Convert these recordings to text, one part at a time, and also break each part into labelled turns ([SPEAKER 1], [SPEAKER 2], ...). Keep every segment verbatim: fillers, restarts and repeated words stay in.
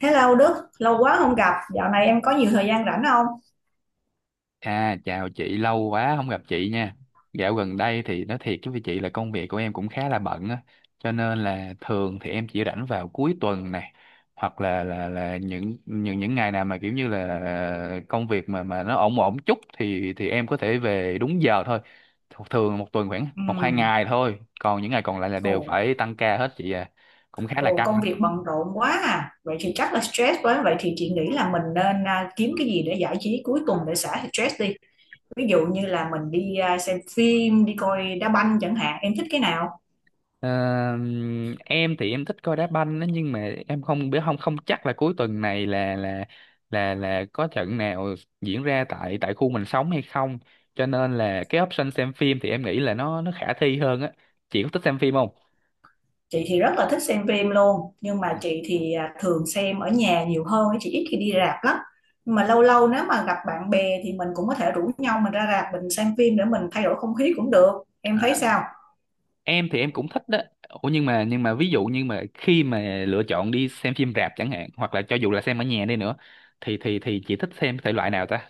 [SPEAKER 1] Hello Đức, lâu quá không gặp, dạo này em có nhiều thời gian rảnh không?
[SPEAKER 2] À, chào chị, lâu quá không gặp chị nha. Dạo gần đây thì nói thiệt với chị là công việc của em cũng khá là bận á, cho nên là thường thì em chỉ rảnh vào cuối tuần này hoặc là là là những những những ngày nào mà kiểu như là ờ, công việc mà mà nó ổn ổn chút thì thì em có thể về đúng giờ thôi. Th- Thường một tuần khoảng
[SPEAKER 1] Ừ,
[SPEAKER 2] một hai ngày thôi, còn những ngày còn lại là
[SPEAKER 1] ồ,
[SPEAKER 2] đều phải tăng ca hết chị à. Cũng khá là
[SPEAKER 1] ồ,
[SPEAKER 2] căng.
[SPEAKER 1] công việc bận rộn quá à, vậy thì chắc là stress quá, vậy thì chị nghĩ là mình nên à, kiếm cái gì để giải trí cuối tuần để xả stress đi. Ví dụ như là mình đi à, xem phim, đi coi đá banh chẳng hạn, em thích cái nào?
[SPEAKER 2] Ờ, em thì em thích coi đá banh đó, nhưng mà em không biết, không không chắc là cuối tuần này là là là là có trận nào diễn ra tại tại khu mình sống hay không, cho nên là cái option xem phim thì em nghĩ là nó nó khả thi hơn á. Chị có thích xem phim không?
[SPEAKER 1] Chị thì rất là thích xem phim luôn, nhưng mà chị thì à, thường xem ở nhà nhiều hơn, chị ít khi đi rạp lắm. Nhưng mà lâu lâu nếu mà gặp bạn bè thì mình cũng có thể rủ nhau mình ra rạp mình xem phim để mình thay đổi không khí cũng được. Em thấy
[SPEAKER 2] À,
[SPEAKER 1] sao?
[SPEAKER 2] em thì em cũng thích đó. Ủa nhưng mà nhưng mà ví dụ, nhưng mà khi mà lựa chọn đi xem phim rạp chẳng hạn, hoặc là cho dù là xem ở nhà đi nữa, thì thì thì chị thích xem thể loại nào ta?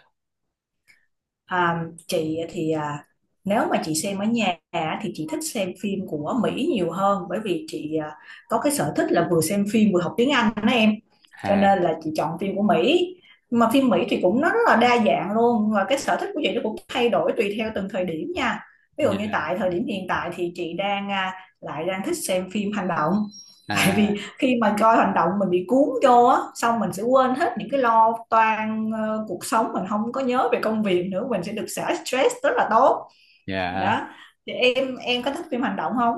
[SPEAKER 1] À, chị thì à, nếu mà chị xem ở nhà á, thì chị thích xem phim của Mỹ nhiều hơn, bởi vì chị à, có cái sở thích là vừa xem phim vừa học tiếng Anh đó em, cho
[SPEAKER 2] À.
[SPEAKER 1] nên là chị chọn phim của Mỹ. Mà phim Mỹ thì cũng nó rất là đa dạng luôn, và cái sở thích của chị nó cũng thay đổi tùy theo từng thời điểm nha. Ví dụ như
[SPEAKER 2] Dạ.
[SPEAKER 1] tại thời điểm hiện tại thì chị đang à, lại đang thích xem phim hành động. Tại
[SPEAKER 2] À.
[SPEAKER 1] vì khi mà coi hành động mình bị cuốn vô á, xong mình sẽ quên hết những cái lo toan ờ, cuộc sống, mình không có nhớ về công việc nữa, mình sẽ được xả stress rất là tốt.
[SPEAKER 2] Dạ.
[SPEAKER 1] Đó, thì em em có thích phim hành động không?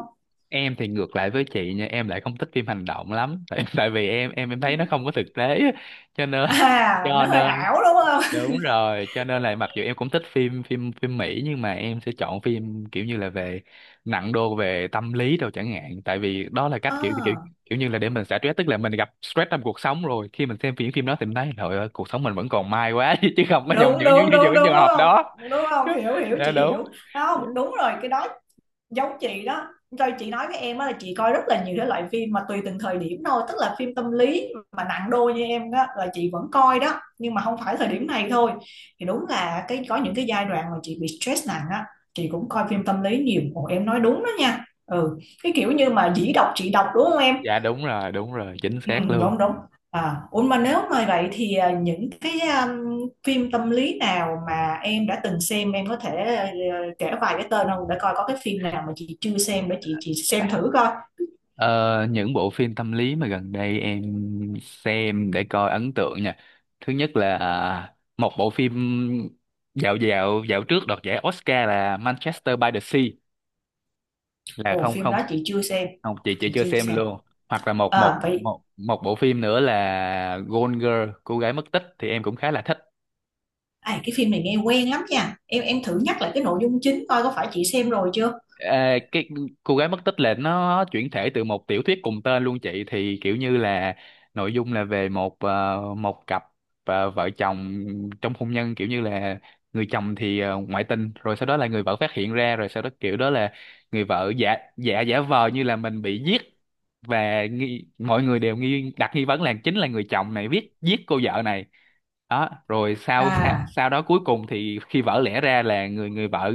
[SPEAKER 2] Em thì ngược lại với chị nha, em lại không thích phim hành động lắm tại tại vì em em em thấy nó không có thực tế á. Cho nên
[SPEAKER 1] À,
[SPEAKER 2] cho
[SPEAKER 1] nó hơi
[SPEAKER 2] nên
[SPEAKER 1] ảo đúng không?
[SPEAKER 2] đúng rồi, cho nên là mặc dù em cũng thích phim phim phim Mỹ, nhưng mà em sẽ chọn phim kiểu như là về nặng đô về tâm lý đâu chẳng hạn, tại vì đó là cách kiểu kiểu
[SPEAKER 1] À,
[SPEAKER 2] kiểu như là để mình xả stress. Tức là mình gặp stress trong cuộc sống, rồi khi mình xem phim phim đó thì mình thấy trời ơi, cuộc sống mình vẫn còn may quá, chứ không có trong
[SPEAKER 1] đúng
[SPEAKER 2] những những
[SPEAKER 1] đúng
[SPEAKER 2] những
[SPEAKER 1] đúng
[SPEAKER 2] những
[SPEAKER 1] đúng,
[SPEAKER 2] trường
[SPEAKER 1] đúng
[SPEAKER 2] hợp
[SPEAKER 1] không?
[SPEAKER 2] đó
[SPEAKER 1] Đúng
[SPEAKER 2] chứ.
[SPEAKER 1] không, hiểu hiểu
[SPEAKER 2] Dạ
[SPEAKER 1] chị
[SPEAKER 2] đúng.
[SPEAKER 1] hiểu không, đúng rồi cái đó. Giống chị đó. Rồi chị nói với em á là chị coi rất là nhiều cái loại phim mà tùy từng thời điểm thôi, tức là phim tâm lý mà nặng đô như em đó là chị vẫn coi đó, nhưng mà không phải thời điểm này thôi. Thì đúng là cái có những cái giai đoạn mà chị bị stress nặng á, chị cũng coi phim tâm lý nhiều. Ồ, em nói đúng đó nha. Ừ, cái kiểu như mà dĩ đọc chị đọc đúng không em?
[SPEAKER 2] Dạ đúng rồi, đúng rồi, chính
[SPEAKER 1] Ừ,
[SPEAKER 2] xác luôn.
[SPEAKER 1] đúng đúng. À, ủa mà nếu mà vậy thì à, những cái um, phim tâm lý nào mà em đã từng xem em có thể ờ, kể vài cái tên không, để coi có cái phim nào mà chị chưa xem để chị chị xem thử coi.
[SPEAKER 2] Ờ, những bộ phim tâm lý mà gần đây em xem để coi ấn tượng nha. Thứ nhất là à, một bộ phim dạo dạo dạo trước đoạt giải Oscar là Manchester by the Sea, là
[SPEAKER 1] Ồ,
[SPEAKER 2] không,
[SPEAKER 1] phim
[SPEAKER 2] không,
[SPEAKER 1] đó chị chưa xem,
[SPEAKER 2] không, chị chị
[SPEAKER 1] chị
[SPEAKER 2] chưa
[SPEAKER 1] chưa
[SPEAKER 2] xem
[SPEAKER 1] xem.
[SPEAKER 2] luôn. Hoặc là một một
[SPEAKER 1] À vậy,
[SPEAKER 2] một một bộ phim nữa là Gone Girl, cô gái mất tích, thì em cũng khá là thích.
[SPEAKER 1] à, cái phim này nghe quen lắm nha, em em thử nhắc lại cái nội dung chính coi có phải chị xem rồi chưa.
[SPEAKER 2] À, cái cô gái mất tích là nó chuyển thể từ một tiểu thuyết cùng tên luôn chị, thì kiểu như là nội dung là về một, ờ, một cặp, ờ, vợ chồng trong hôn nhân, kiểu như là người chồng thì ờ, ngoại tình, rồi sau đó là người vợ phát hiện ra, rồi sau đó kiểu đó là người vợ giả giả giả vờ như là mình bị giết, và nghi, mọi người đều nghi, đặt nghi vấn là chính là người chồng này viết giết cô vợ này. Đó, rồi sau sau,
[SPEAKER 1] à
[SPEAKER 2] sau đó cuối cùng thì khi vỡ lẽ ra là người người vợ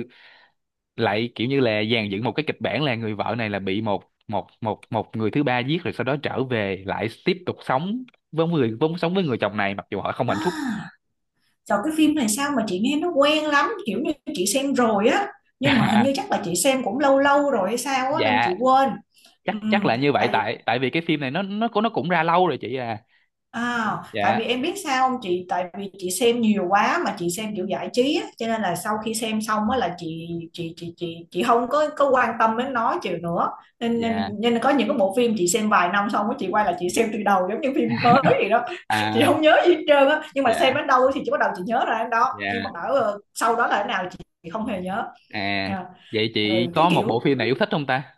[SPEAKER 2] lại kiểu như là dàn dựng một cái kịch bản, là người vợ này là bị một một một một người thứ ba giết, rồi sau đó trở về lại tiếp tục sống với người, vốn sống với người chồng này mặc dù họ không hạnh phúc.
[SPEAKER 1] à Sao cái phim này, sao mà chị nghe nó quen lắm, kiểu như chị xem rồi á, nhưng mà hình
[SPEAKER 2] À,
[SPEAKER 1] như chắc là chị xem cũng lâu lâu rồi hay sao á nên
[SPEAKER 2] dạ,
[SPEAKER 1] chị quên.
[SPEAKER 2] chắc
[SPEAKER 1] Ừ,
[SPEAKER 2] chắc là như vậy,
[SPEAKER 1] tại
[SPEAKER 2] tại tại vì cái phim này nó nó cũng nó cũng ra lâu rồi chị à.
[SPEAKER 1] à, tại
[SPEAKER 2] Dạ.
[SPEAKER 1] vì em biết sao không chị, tại vì chị xem nhiều quá, mà chị xem kiểu giải trí á, cho nên là sau khi xem xong á là chị chị chị chị chị không có có quan tâm đến nó chịu nữa. nên, nên
[SPEAKER 2] Dạ.
[SPEAKER 1] nên là có những cái bộ phim chị xem vài năm xong á, chị quay lại chị xem từ đầu giống như phim mới vậy đó chị
[SPEAKER 2] À.
[SPEAKER 1] không nhớ gì hết trơn á, nhưng mà
[SPEAKER 2] Dạ.
[SPEAKER 1] xem đến đâu thì chị bắt đầu chị nhớ ra đến đó,
[SPEAKER 2] Dạ.
[SPEAKER 1] nhưng mà bảo ờ, sau đó là thế nào chị, chị không hề nhớ.
[SPEAKER 2] À.
[SPEAKER 1] Dạ.
[SPEAKER 2] vậy
[SPEAKER 1] Ừ,
[SPEAKER 2] chị
[SPEAKER 1] cái
[SPEAKER 2] có một
[SPEAKER 1] kiểu
[SPEAKER 2] bộ phim nào yêu thích không ta?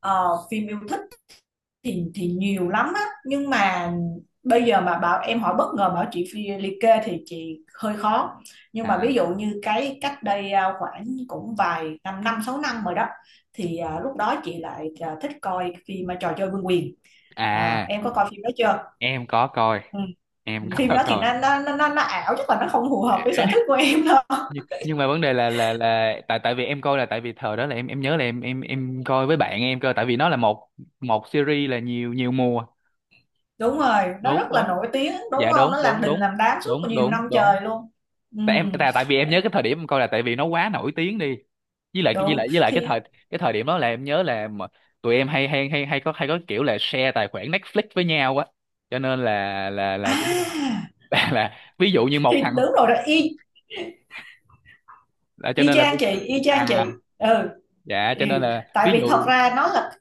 [SPEAKER 1] ờ, phim yêu thích thì thì nhiều lắm á, nhưng mà bây giờ mà bảo em hỏi bất ngờ bảo chị phi liệt kê thì chị hơi khó. Nhưng mà
[SPEAKER 2] À.
[SPEAKER 1] ví dụ như cái cách đây à, khoảng cũng vài năm, năm sáu năm rồi đó, thì à, lúc đó chị lại à, thích coi phim à, trò chơi vương quyền. À,
[SPEAKER 2] À.
[SPEAKER 1] em có coi phim đó chưa?
[SPEAKER 2] Em có coi.
[SPEAKER 1] Ừ.
[SPEAKER 2] Em có
[SPEAKER 1] Phim đó thì
[SPEAKER 2] coi.
[SPEAKER 1] nó nó nó, nó, nó ảo, chứ còn nó không phù hợp với sở thích của em đâu.
[SPEAKER 2] Nhưng, nhưng mà vấn đề là là là tại tại vì em coi là tại vì thời đó là em em nhớ là em em em coi với bạn em cơ, tại vì nó là một một series, là nhiều nhiều mùa.
[SPEAKER 1] Đúng rồi, nó rất
[SPEAKER 2] Đúng,
[SPEAKER 1] là
[SPEAKER 2] đúng.
[SPEAKER 1] nổi tiếng đúng
[SPEAKER 2] Dạ
[SPEAKER 1] không, nó
[SPEAKER 2] đúng,
[SPEAKER 1] làm
[SPEAKER 2] đúng,
[SPEAKER 1] đình
[SPEAKER 2] đúng.
[SPEAKER 1] làm đám suốt
[SPEAKER 2] Đúng,
[SPEAKER 1] nhiều
[SPEAKER 2] đúng,
[SPEAKER 1] năm trời
[SPEAKER 2] đúng.
[SPEAKER 1] luôn. Ừ,
[SPEAKER 2] Tại em tại tại vì em nhớ cái thời điểm em coi là tại vì nó quá nổi tiếng đi, với lại với
[SPEAKER 1] đúng,
[SPEAKER 2] lại với lại cái thời
[SPEAKER 1] thì
[SPEAKER 2] cái thời điểm đó là em nhớ là mà tụi em hay hay hay hay có hay có kiểu là share tài khoản Netflix với nhau á, cho nên là là là kiểu như
[SPEAKER 1] à
[SPEAKER 2] là, là ví dụ như một
[SPEAKER 1] thì
[SPEAKER 2] thằng
[SPEAKER 1] đúng rồi đó, y
[SPEAKER 2] là, cho
[SPEAKER 1] y
[SPEAKER 2] nên là
[SPEAKER 1] chang
[SPEAKER 2] vi-
[SPEAKER 1] chị, y chang chị.
[SPEAKER 2] à
[SPEAKER 1] Ừ,
[SPEAKER 2] dạ, cho
[SPEAKER 1] ừ.
[SPEAKER 2] nên là
[SPEAKER 1] Tại
[SPEAKER 2] ví
[SPEAKER 1] vì thật
[SPEAKER 2] dụ.
[SPEAKER 1] ra nó là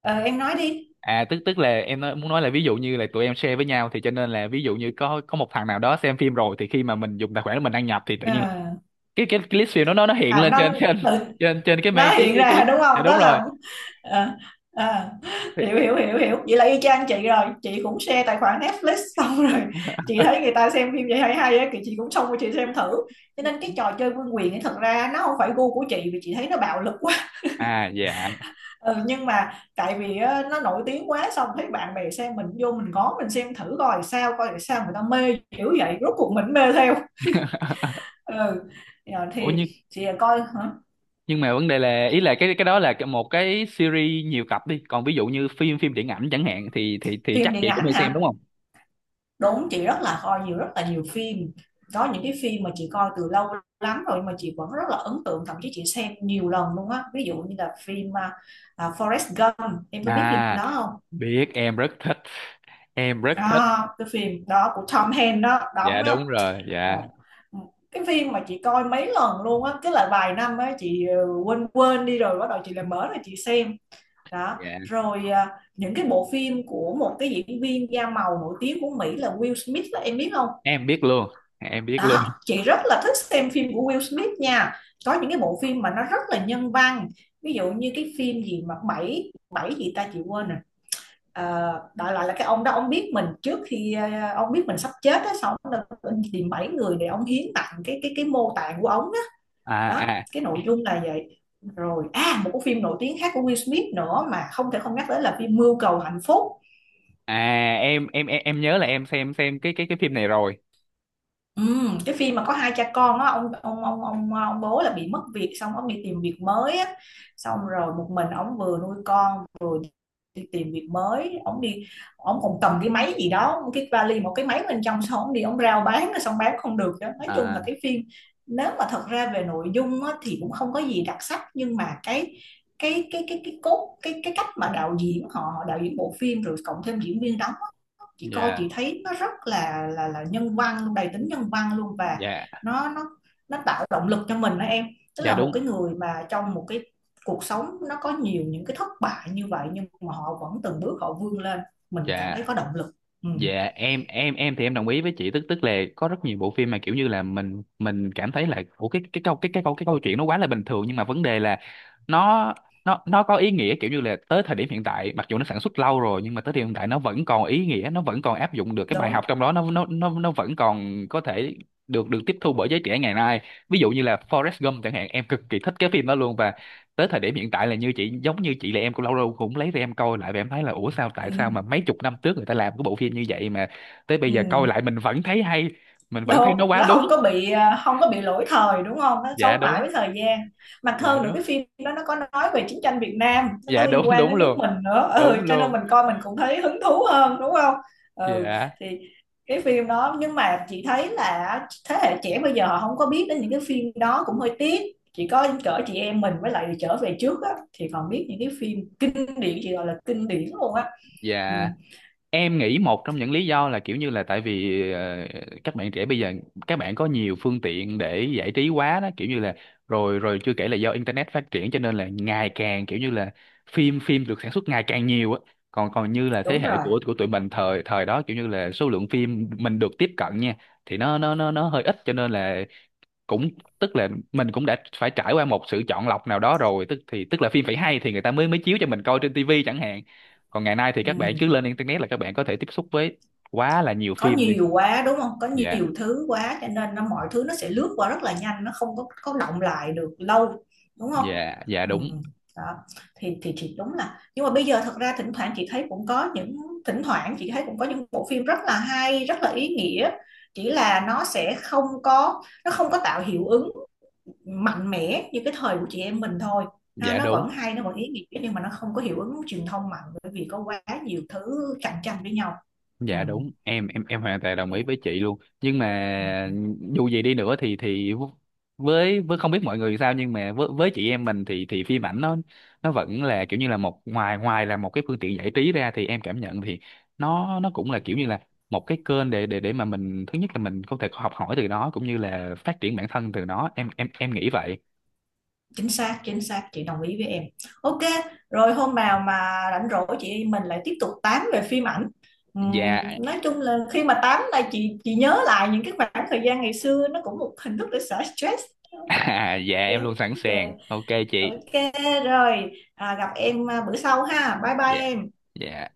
[SPEAKER 1] ờ, em nói đi.
[SPEAKER 2] À, tức tức là em nói, muốn nói là, ví dụ như là tụi em share với nhau, thì cho nên là ví dụ như có có một thằng nào đó xem phim rồi, thì khi mà mình dùng tài khoản của mình đăng nhập thì tự nhiên là-
[SPEAKER 1] Ờ,
[SPEAKER 2] cái cái, cái list phim đó nó nó hiện
[SPEAKER 1] à
[SPEAKER 2] lên trên,
[SPEAKER 1] nó
[SPEAKER 2] trên
[SPEAKER 1] tự
[SPEAKER 2] trên trên cái
[SPEAKER 1] nó
[SPEAKER 2] mây, cái
[SPEAKER 1] hiện
[SPEAKER 2] cái cái
[SPEAKER 1] ra
[SPEAKER 2] list.
[SPEAKER 1] đúng
[SPEAKER 2] Dạ
[SPEAKER 1] không,
[SPEAKER 2] đúng
[SPEAKER 1] đó
[SPEAKER 2] rồi.
[SPEAKER 1] là ờ, ờ,
[SPEAKER 2] Thì,
[SPEAKER 1] hiểu hiểu hiểu hiểu vậy là y chang chị rồi. Chị cũng share tài khoản Netflix xong rồi chị thấy người ta xem phim vậy hay hay á thì chị cũng xông qua chị xem thử. Cho nên cái trò chơi vương quyền ấy thật ra nó không phải gu của chị, vì chị thấy nó bạo lực quá.
[SPEAKER 2] à, dạ.
[SPEAKER 1] Ừ, nhưng mà tại vì á, nó nổi tiếng quá, xong thấy bạn bè xem mình vô mình ngó, mình xem thử coi sao, coi là sao người ta mê kiểu vậy, rốt cuộc mình mê theo. Ừ. Rồi
[SPEAKER 2] Ủa
[SPEAKER 1] thì
[SPEAKER 2] nhưng
[SPEAKER 1] chị coi hả?
[SPEAKER 2] nhưng mà vấn đề là, ý là cái cái đó là cái- một cái series nhiều tập đi, còn ví dụ như phim phim điện ảnh chẳng hạn thì thì thì
[SPEAKER 1] Phim
[SPEAKER 2] chắc
[SPEAKER 1] điện
[SPEAKER 2] chị cũng
[SPEAKER 1] ảnh
[SPEAKER 2] hay xem đúng
[SPEAKER 1] hả?
[SPEAKER 2] không?
[SPEAKER 1] Đúng, chị rất là coi nhiều, rất là nhiều phim. Có những cái phim mà chị coi từ lâu lắm rồi mà chị vẫn rất là ấn tượng, thậm chí chị xem nhiều lần luôn á. Ví dụ như là phim à, à, Forrest Gump, em có biết phim
[SPEAKER 2] À
[SPEAKER 1] đó không?
[SPEAKER 2] biết, em rất thích, em rất thích.
[SPEAKER 1] À, cái phim đó của Tom Hanks đó
[SPEAKER 2] Dạ
[SPEAKER 1] đóng đó.
[SPEAKER 2] đúng rồi, dạ.
[SPEAKER 1] Ồ. Cái phim mà chị coi mấy lần luôn á, cái là vài năm á chị ờ, quên quên đi rồi bắt đầu chị lại mở rồi chị xem. Đó.
[SPEAKER 2] Dạ.
[SPEAKER 1] Rồi à, những cái bộ phim của một cái diễn viên da màu nổi tiếng của Mỹ là Will Smith đó, em biết không?
[SPEAKER 2] Em biết luôn, em biết luôn.
[SPEAKER 1] Đó, chị rất là thích xem phim của Will Smith nha. Có những cái bộ phim mà nó rất là nhân văn. Ví dụ như cái phim gì mà bảy bảy gì ta chị quên rồi. Ờ, đại loại là cái ông đó, ông biết mình trước khi ờ, ông biết mình sắp chết á, xong ông đã tìm bảy người để ông hiến tặng cái cái cái mô tạng của ông đó.
[SPEAKER 2] À.
[SPEAKER 1] Đó,
[SPEAKER 2] À.
[SPEAKER 1] cái nội dung là vậy. Rồi à một cái phim nổi tiếng khác của Will Smith nữa mà không thể không nhắc tới là phim Mưu cầu hạnh phúc.
[SPEAKER 2] À. em em em em nhớ là em xem xem cái cái cái phim này rồi.
[SPEAKER 1] Ừm, cái phim mà có hai cha con á, ông ông ông ông ông bố là bị mất việc, xong ông đi tìm việc mới á, xong rồi một mình ông vừa nuôi con, đi tìm việc mới, ông đi, ông còn cầm cái máy gì đó, cái vali một cái máy bên trong, xong ông đi ông rao bán, xong bán không được. Đó, nói chung là
[SPEAKER 2] À.
[SPEAKER 1] cái phim, nếu mà thật ra về nội dung á, thì cũng không có gì đặc sắc, nhưng mà cái cái cái cái cái cốt cái cái cách mà đạo diễn họ họ đạo diễn bộ phim, rồi cộng thêm diễn viên đóng á, chị coi
[SPEAKER 2] Dạ.
[SPEAKER 1] chị thấy nó rất là là là nhân văn, đầy tính nhân văn luôn. Và
[SPEAKER 2] Dạ.
[SPEAKER 1] nó nó nó tạo động lực cho mình đó em. Tức
[SPEAKER 2] Dạ
[SPEAKER 1] là một
[SPEAKER 2] đúng.
[SPEAKER 1] cái người mà trong một cái cuộc sống nó có nhiều những cái thất bại như vậy, nhưng mà họ vẫn từng bước họ vươn lên, mình cảm
[SPEAKER 2] Dạ.
[SPEAKER 1] thấy có động lực. Ừ,
[SPEAKER 2] Dạ, em em em thì em đồng ý với chị, tức tức là có rất nhiều bộ phim mà kiểu như là mình mình cảm thấy là ủa, cái cái câu cái cái câu cái câu chuyện nó quá là bình thường, nhưng mà vấn đề là nó nó nó có ý nghĩa, kiểu như là tới thời điểm hiện tại, mặc dù nó sản xuất lâu rồi nhưng mà tới thời điểm hiện tại nó vẫn còn ý nghĩa, nó vẫn còn áp dụng được cái bài
[SPEAKER 1] đúng.
[SPEAKER 2] học trong đó, nó nó nó nó vẫn còn có thể được được tiếp thu bởi giới trẻ ngày nay. Ví dụ như là Forrest Gump chẳng hạn, em cực kỳ thích cái phim đó luôn, và tới thời điểm hiện tại là như chị giống như chị, là em cũng lâu lâu cũng lấy ra em coi lại, và em thấy là ủa, sao tại sao
[SPEAKER 1] Ừ,
[SPEAKER 2] mà mấy chục năm trước người ta làm cái bộ phim như vậy mà tới bây
[SPEAKER 1] ừ.
[SPEAKER 2] giờ coi lại mình vẫn thấy hay, mình vẫn thấy
[SPEAKER 1] Đúng,
[SPEAKER 2] nó quá
[SPEAKER 1] nó
[SPEAKER 2] đúng.
[SPEAKER 1] không có bị à, không có bị lỗi thời đúng không, nó sống
[SPEAKER 2] Dạ
[SPEAKER 1] mãi
[SPEAKER 2] đúng.
[SPEAKER 1] với thời gian. Mà
[SPEAKER 2] Dạ
[SPEAKER 1] hơn nữa
[SPEAKER 2] đúng.
[SPEAKER 1] cái phim đó nó có nói về chiến tranh Việt Nam, nó có
[SPEAKER 2] Dạ
[SPEAKER 1] liên
[SPEAKER 2] đúng,
[SPEAKER 1] quan
[SPEAKER 2] đúng
[SPEAKER 1] đến nước
[SPEAKER 2] luôn.
[SPEAKER 1] mình nữa.
[SPEAKER 2] Đúng
[SPEAKER 1] Ừ, cho nên
[SPEAKER 2] luôn.
[SPEAKER 1] mình coi mình cũng thấy hứng thú hơn đúng không. Ừ.
[SPEAKER 2] Dạ.
[SPEAKER 1] Thì cái phim đó, nhưng mà chị thấy là thế hệ trẻ bây giờ họ không có biết đến những cái phim đó cũng hơi tiếc. Chỉ có cỡ chị em mình với lại trở về trước á, thì còn biết những cái phim kinh điển, chị gọi là kinh điển luôn á. Ừ,
[SPEAKER 2] Dạ, em nghĩ một trong những lý do là kiểu như là tại vì ờ, các bạn trẻ bây giờ các bạn có nhiều phương tiện để giải trí quá đó, kiểu như là rồi rồi chưa kể là do internet phát triển, cho nên là ngày càng kiểu như là phim phim được sản xuất ngày càng nhiều á. Còn Còn như là thế
[SPEAKER 1] đúng
[SPEAKER 2] hệ
[SPEAKER 1] rồi.
[SPEAKER 2] của của tụi mình thời thời đó, kiểu như là số lượng phim mình được tiếp cận nha, thì nó nó nó nó hơi ít, cho nên là cũng tức là mình cũng đã phải trải qua một sự chọn lọc nào đó rồi, tức thì tức là phim phải hay thì người ta mới mới chiếu cho mình coi trên tivi chẳng hạn, còn ngày nay thì các bạn cứ
[SPEAKER 1] Ừ.
[SPEAKER 2] lên internet là các bạn có thể tiếp xúc với quá là nhiều
[SPEAKER 1] Có
[SPEAKER 2] phim đi.
[SPEAKER 1] nhiều quá đúng không, có
[SPEAKER 2] Dạ.
[SPEAKER 1] nhiều thứ quá cho nên nó mọi thứ nó sẽ lướt qua rất là nhanh, nó không có có đọng lại được lâu đúng không.
[SPEAKER 2] Dạ. Dạ
[SPEAKER 1] Ừ.
[SPEAKER 2] đúng.
[SPEAKER 1] Đó, thì thì thì đúng là, nhưng mà bây giờ thật ra thỉnh thoảng chị thấy cũng có những, thỉnh thoảng chị thấy cũng có những bộ phim rất là hay, rất là ý nghĩa, chỉ là nó sẽ không có, nó không có tạo hiệu ứng mạnh mẽ như cái thời của chị em mình thôi. Ha,
[SPEAKER 2] Dạ
[SPEAKER 1] nó vẫn
[SPEAKER 2] đúng.
[SPEAKER 1] hay, nó vẫn ý nghĩa, nhưng mà nó không có hiệu ứng truyền thông mạnh bởi vì có quá nhiều thứ cạnh tranh với nhau.
[SPEAKER 2] Dạ đúng, em em em hoàn toàn đồng ý với chị luôn, nhưng mà
[SPEAKER 1] Ừ.
[SPEAKER 2] dù gì đi nữa thì thì với với không biết mọi người sao, nhưng mà với với chị em mình thì thì phim ảnh nó nó vẫn là kiểu như là một, ngoài ngoài là một cái phương tiện giải trí ra, thì em cảm nhận thì nó nó cũng là kiểu như là một cái kênh để để để mà mình, thứ nhất là mình có thể học hỏi từ nó, cũng như là phát triển bản thân từ nó, em em em nghĩ vậy.
[SPEAKER 1] Chính xác, chính xác chị đồng ý với em. ô kê. Rồi hôm nào mà rảnh rỗi chị mình lại tiếp tục tám về phim ảnh. Ừm,
[SPEAKER 2] Dạ.
[SPEAKER 1] nói chung là khi mà tám là chị chị nhớ lại những cái khoảng thời gian ngày xưa, nó cũng một hình thức để xả stress. OK.
[SPEAKER 2] À, dạ em luôn sẵn
[SPEAKER 1] Rồi.
[SPEAKER 2] sàng, ok chị.
[SPEAKER 1] ô kê. Rồi à, gặp em à, bữa sau ha, bye bye
[SPEAKER 2] Dạ.
[SPEAKER 1] em.
[SPEAKER 2] Dạ.